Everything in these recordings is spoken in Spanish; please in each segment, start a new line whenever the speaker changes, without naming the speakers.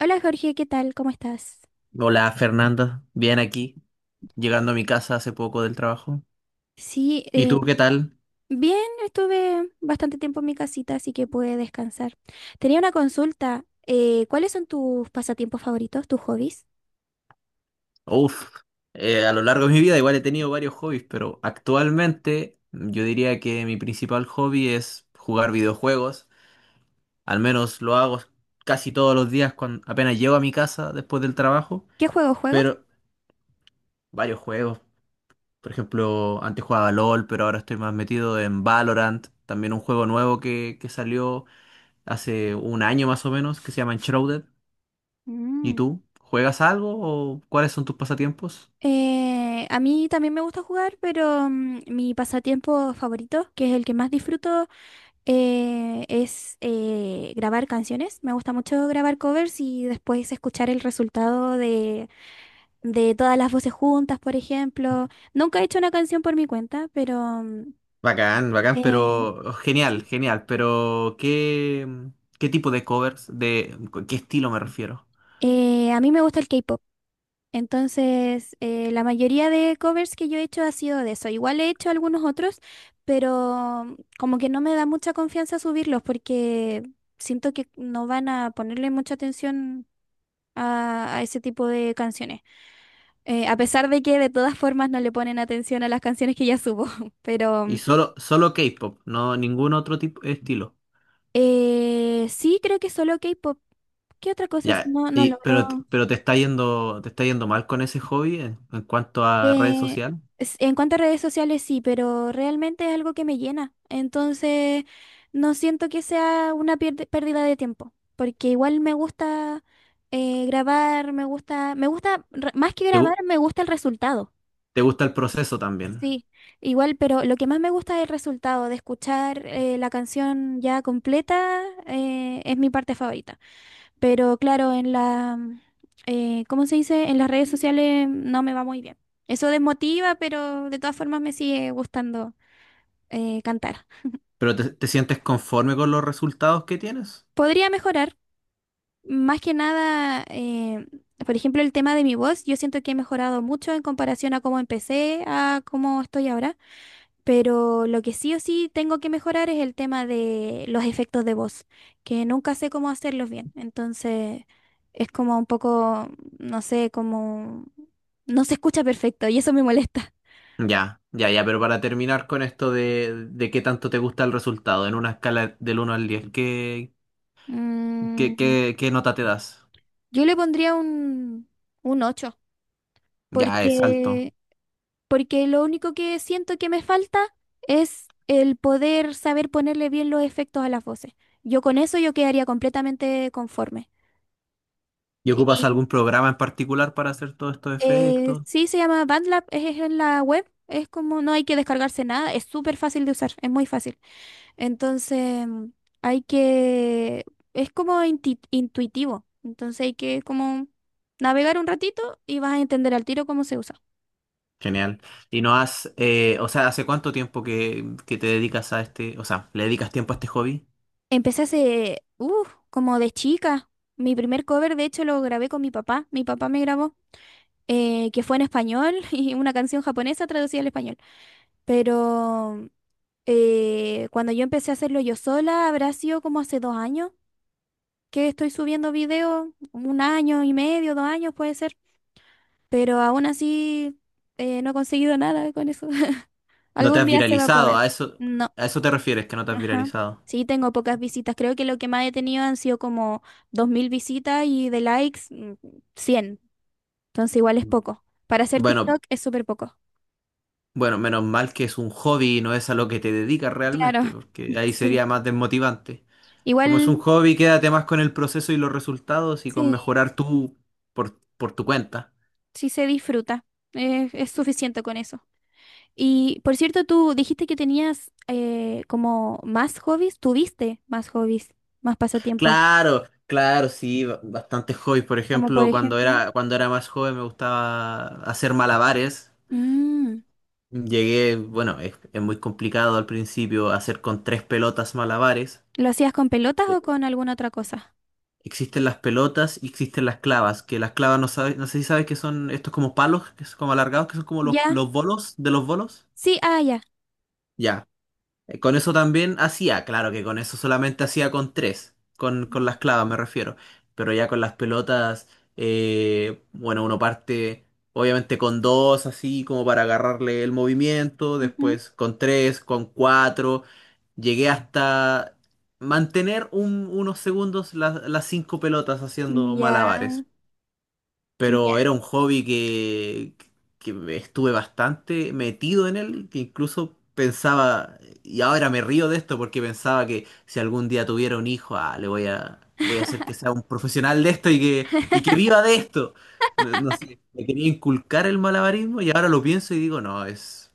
Hola Jorge, ¿qué tal? ¿Cómo estás?
Hola Fernanda, bien aquí, llegando a mi casa hace poco del trabajo.
Sí,
¿Y tú qué tal?
bien, estuve bastante tiempo en mi casita, así que pude descansar. Tenía una consulta. ¿Cuáles son tus pasatiempos favoritos, tus hobbies?
Uf, a lo largo de mi vida igual he tenido varios hobbies, pero actualmente yo diría que mi principal hobby es jugar videojuegos. Al menos lo hago casi todos los días cuando apenas llego a mi casa después del trabajo,
¿Qué juegos juegas?
pero varios juegos. Por ejemplo, antes jugaba LOL, pero ahora estoy más metido en Valorant, también un juego nuevo que salió hace un año más o menos, que se llama Enshrouded. ¿Y
Mm,
tú? ¿Juegas algo o cuáles son tus pasatiempos?
A mí también me gusta jugar, pero mi pasatiempo favorito, que es el que más disfruto, es grabar canciones. Me gusta mucho grabar covers y después escuchar el resultado de todas las voces juntas, por ejemplo. Nunca he hecho una canción por mi cuenta, pero
Bacán, bacán,
eh,
pero genial, genial, pero ¿qué tipo de covers, de qué estilo me refiero?
a mí me gusta el K-pop. Entonces, la mayoría de covers que yo he hecho ha sido de eso. Igual he hecho algunos otros, pero como que no me da mucha confianza subirlos porque siento que no van a ponerle mucha atención a ese tipo de canciones. A pesar de que de todas formas no le ponen atención a las canciones que ya subo, pero
Y solo K-pop, no ningún otro tipo estilo.
Sí, creo que solo K-pop. ¿Qué otra cosa es?
Ya,
No, no logro.
pero te está yendo mal con ese hobby en cuanto a red
Eh,
social.
en cuanto a redes sociales, sí, pero realmente es algo que me llena. Entonces, no siento que sea una pérdida de tiempo, porque igual me gusta grabar, más que
¿Te,
grabar,
gu-
me gusta el resultado.
te gusta el proceso también?
Sí, igual, pero lo que más me gusta es el resultado de escuchar la canción ya completa, es mi parte favorita. Pero claro, ¿cómo se dice? En las redes sociales no me va muy bien. Eso desmotiva, pero de todas formas me sigue gustando cantar.
¿Pero te sientes conforme con los resultados que tienes?
Podría mejorar, más que nada, por ejemplo, el tema de mi voz. Yo siento que he mejorado mucho en comparación a cómo empecé, a cómo estoy ahora. Pero lo que sí o sí tengo que mejorar es el tema de los efectos de voz, que nunca sé cómo hacerlos bien. Entonces es como un poco, no sé, como no se escucha perfecto y eso me molesta.
Ya, ya, ya, pero para terminar con esto de qué tanto te gusta el resultado, en una escala del 1 al 10, ¿qué, qué,
Mm,
qué nota te das?
yo le pondría un ocho,
Ya, es alto.
porque, porque lo único que siento que me falta es el poder saber ponerle bien los efectos a las voces. Yo con eso yo quedaría completamente conforme.
¿Y ocupas algún programa en particular para hacer todos estos efectos?
Sí, se llama BandLab, es en la web, es como no hay que descargarse nada, es súper fácil de usar, es muy fácil. Entonces, hay que, es como intuitivo, entonces hay que como navegar un ratito y vas a entender al tiro cómo se usa.
Genial. ¿Y no has, o sea, hace cuánto tiempo que te dedicas a este, o sea, le dedicas tiempo a este hobby?
Empecé hace, como de chica. Mi primer cover, de hecho, lo grabé con mi papá me grabó, que fue en español y una canción japonesa traducida al español. Pero cuando yo empecé a hacerlo yo sola, habrá sido como hace 2 años que estoy subiendo videos, 1 año y medio, 2 años puede ser, pero aún así no he conseguido nada con eso.
¿No te
Algún
has
día se va a
viralizado?
poder.
¿A eso,
No,
a eso te refieres, que no te has
ajá.
viralizado?
Sí, tengo pocas visitas. Creo que lo que más he tenido han sido como 2000 visitas y de likes, 100. Entonces igual es poco. Para hacer
Bueno,
TikTok es súper poco.
bueno, menos mal que es un hobby y no es a lo que te dedicas
Claro,
realmente, porque ahí
sí.
sería más desmotivante. Como es un
Igual,
hobby, quédate más con el proceso y los resultados y con
sí,
mejorar tú por tu cuenta.
sí se disfruta. Es suficiente con eso. Y por cierto, tú dijiste que tenías como más hobbies, tuviste más hobbies, más pasatiempo,
Claro, claro, sí, bastantes hobbies. Por
como por
ejemplo, cuando
ejemplo.
era, cuando era más joven me gustaba hacer malabares.
Mm,
Llegué, bueno, es muy complicado al principio hacer con tres pelotas malabares.
¿Lo hacías con pelotas
Sí.
o con alguna otra cosa?
Existen las pelotas y existen las clavas, que las clavas no sabes, no sé si sabes que son estos como palos, que son como alargados, que son como los,
Ya,
los bolos de los bolos.
sí, ah, ya.
Ya. Con eso también hacía, claro que con eso solamente hacía con tres, con
Mm,
las clavas me refiero, pero ya con las pelotas, bueno, uno parte obviamente con dos, así como para agarrarle el movimiento,
ujú.
después con tres, con cuatro, llegué hasta mantener unos segundos las cinco pelotas haciendo
Ya,
malabares,
ya.
pero era un hobby que me estuve bastante metido en él, que incluso pensaba, y ahora me río de esto porque pensaba que si algún día tuviera un hijo, ah, le voy a hacer que sea un profesional de esto y que viva de esto. No, no sé, me quería inculcar el malabarismo y ahora lo pienso y digo, no, es,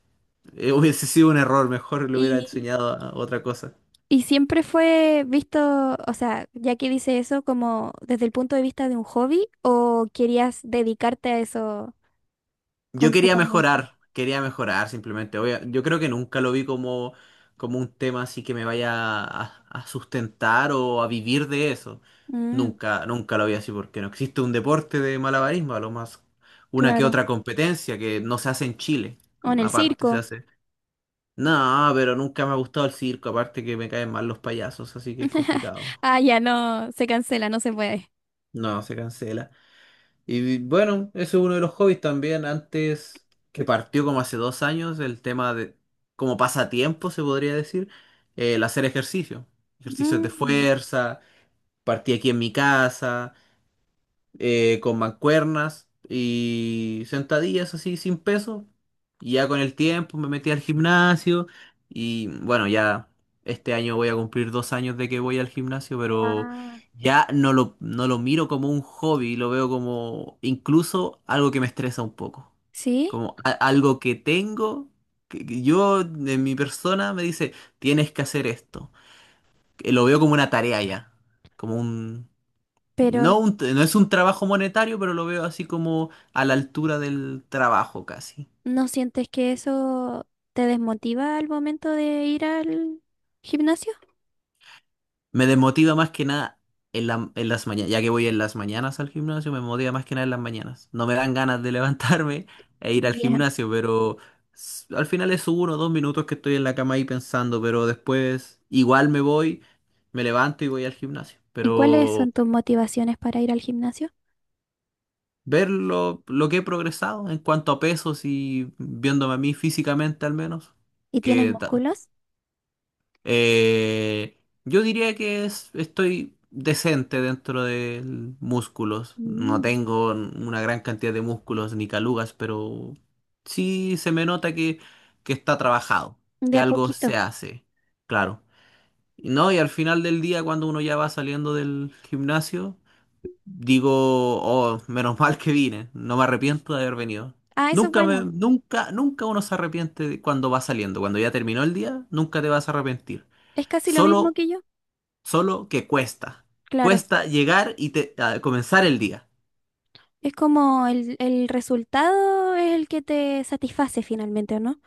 eh, hubiese sido un error, mejor le hubiera
Y,
enseñado a otra cosa.
y siempre fue visto, o sea, ya que dice eso, como desde el punto de vista de un hobby, o querías dedicarte a eso
Yo
completamente.
quería mejorar simplemente. Yo creo que nunca lo vi como un tema así que me vaya a sustentar o a vivir de eso.
Mm,
Nunca, nunca lo vi así porque no existe un deporte de malabarismo, a lo más una que
claro.
otra competencia que no se hace en Chile,
O en el
aparte, se
circo.
hace. No, pero nunca me ha gustado el circo, aparte que me caen mal los payasos, así que es complicado.
Ah, ya no, se cancela, no se puede.
No, se cancela. Y bueno, ese es uno de los hobbies también. Antes, que partió como hace 2 años, el tema de, como pasatiempo se podría decir, el hacer ejercicio. Ejercicios de
Mm,
fuerza, partí aquí en mi casa con mancuernas y sentadillas así sin peso. Y ya con el tiempo me metí al gimnasio y bueno, ya este año voy a cumplir 2 años de que voy al gimnasio, pero
guau.
ya no lo miro como un hobby, lo veo como incluso algo que me estresa un poco,
¿Sí?
como algo que tengo. Que Yo, en mi persona, me dice, tienes que hacer esto. Que Lo veo como una tarea ya, como
Pero,
no, no es un trabajo monetario, pero lo veo así como a la altura del trabajo casi.
¿no sientes que eso te desmotiva al momento de ir al gimnasio?
Me desmotiva más que nada en las mañanas, ya que voy en las mañanas al gimnasio, me motiva más que nada en las mañanas. No me dan ganas de levantarme e ir al
Ya.
gimnasio, pero al final es 1 o 2 minutos que estoy en la cama ahí pensando, pero después igual me voy, me levanto y voy al gimnasio.
¿Y cuáles
Pero
son tus motivaciones para ir al gimnasio?
ver lo que he progresado en cuanto a pesos y viéndome a mí físicamente al menos.
¿Y tienes
que ta-
músculos?
Eh, yo diría que estoy decente dentro de músculos. No
Mm.
tengo una gran cantidad de músculos ni calugas, pero sí se me nota que está trabajado,
De
que
a
algo
poquito.
se hace, claro. Y no, y al final del día, cuando uno ya va saliendo del gimnasio, digo, oh, menos mal que vine, no me arrepiento de haber venido.
Ah, eso es bueno.
Nunca, nunca uno se arrepiente de cuando va saliendo. Cuando ya terminó el día, nunca te vas a arrepentir.
Es casi lo mismo
Solo,
que yo.
solo que cuesta.
Claro.
Cuesta llegar a comenzar el día.
Es como el resultado es el que te satisface finalmente, ¿o no?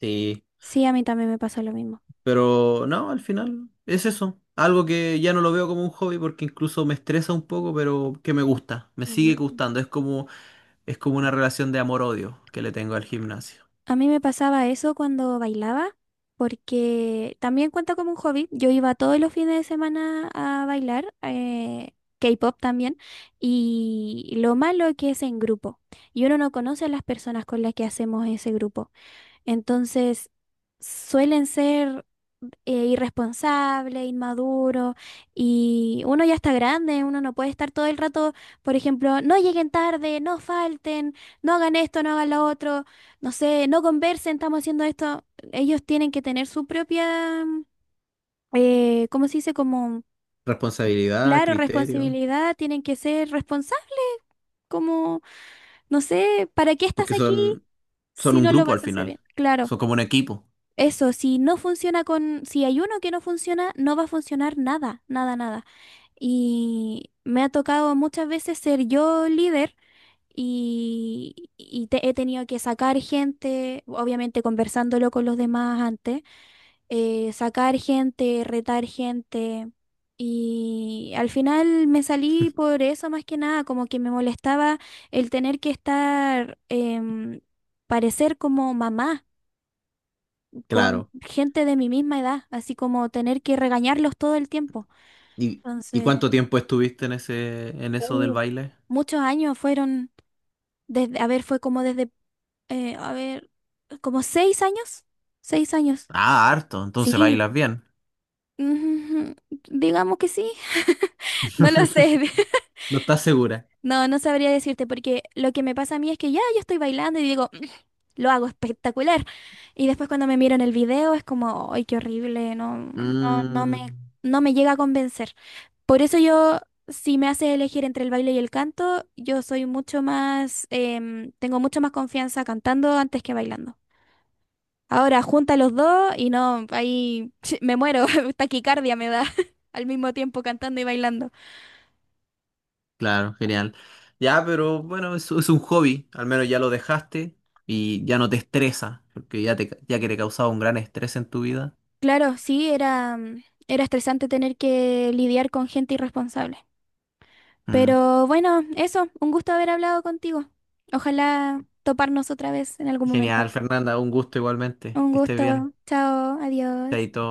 Sí,
Sí, a mí también me pasa lo mismo.
pero no, al final es eso. Algo que ya no lo veo como un hobby porque incluso me estresa un poco, pero que me gusta, me sigue gustando. Es como una relación de amor-odio que le tengo al gimnasio.
A mí me pasaba eso cuando bailaba, porque también cuenta como un hobby. Yo iba todos los fines de semana a bailar, K-pop también, y lo malo que es en grupo. Y uno no conoce a las personas con las que hacemos ese grupo. Entonces, suelen ser irresponsable, inmaduro, y uno ya está grande, uno no puede estar todo el rato, por ejemplo, no lleguen tarde, no falten, no hagan esto, no hagan lo otro, no sé, no conversen, estamos haciendo esto. Ellos tienen que tener su propia, ¿cómo se dice? Como,
Responsabilidad,
claro,
criterio,
responsabilidad, tienen que ser responsables, como, no sé, ¿para qué estás
porque
aquí
son
si
un
no lo
grupo al
vas a hacer bien?
final.
Claro.
Son como un equipo.
Eso, si no funciona con, si hay uno que no funciona, no va a funcionar nada, nada, nada. Y me ha tocado muchas veces ser yo líder y he tenido que sacar gente, obviamente conversándolo con los demás antes, sacar gente, retar gente. Y al final me salí por eso más que nada, como que me molestaba el tener que estar, parecer como mamá con
Claro.
gente de mi misma edad, así como tener que regañarlos todo el tiempo.
¿Y, y
Entonces,
cuánto tiempo estuviste en eso del
uh,
baile?
muchos años fueron, desde, a ver, fue como desde, a ver, como 6 años, 6 años,
Ah, harto, entonces
sí,
bailas bien.
ujú, digamos que sí, no lo sé,
No estás segura.
no, no sabría decirte, porque lo que me pasa a mí es que ya yo estoy bailando y digo, "Mm, lo hago espectacular", y después cuando me miran el video es como, ay, qué horrible, no, no, no
Mm,
me, no me llega a convencer. Por eso yo, si me haces elegir entre el baile y el canto, yo soy mucho más, em, tengo mucho más confianza cantando antes que bailando. Ahora junta los dos y no, ahí me muero, taquicardia me da al mismo tiempo cantando y bailando.
claro, genial. Ya, pero bueno, es un hobby. Al menos ya lo dejaste y ya no te estresa, porque ya que te causaba un gran estrés en tu vida.
Claro, sí, era estresante tener que lidiar con gente irresponsable.
Mm.
Pero bueno, eso, un gusto haber hablado contigo. Ojalá toparnos otra vez en algún momento.
Genial, Fernanda, un gusto igualmente.
Un
Que estés
gusto,
bien.
chao, adiós.
Chaito.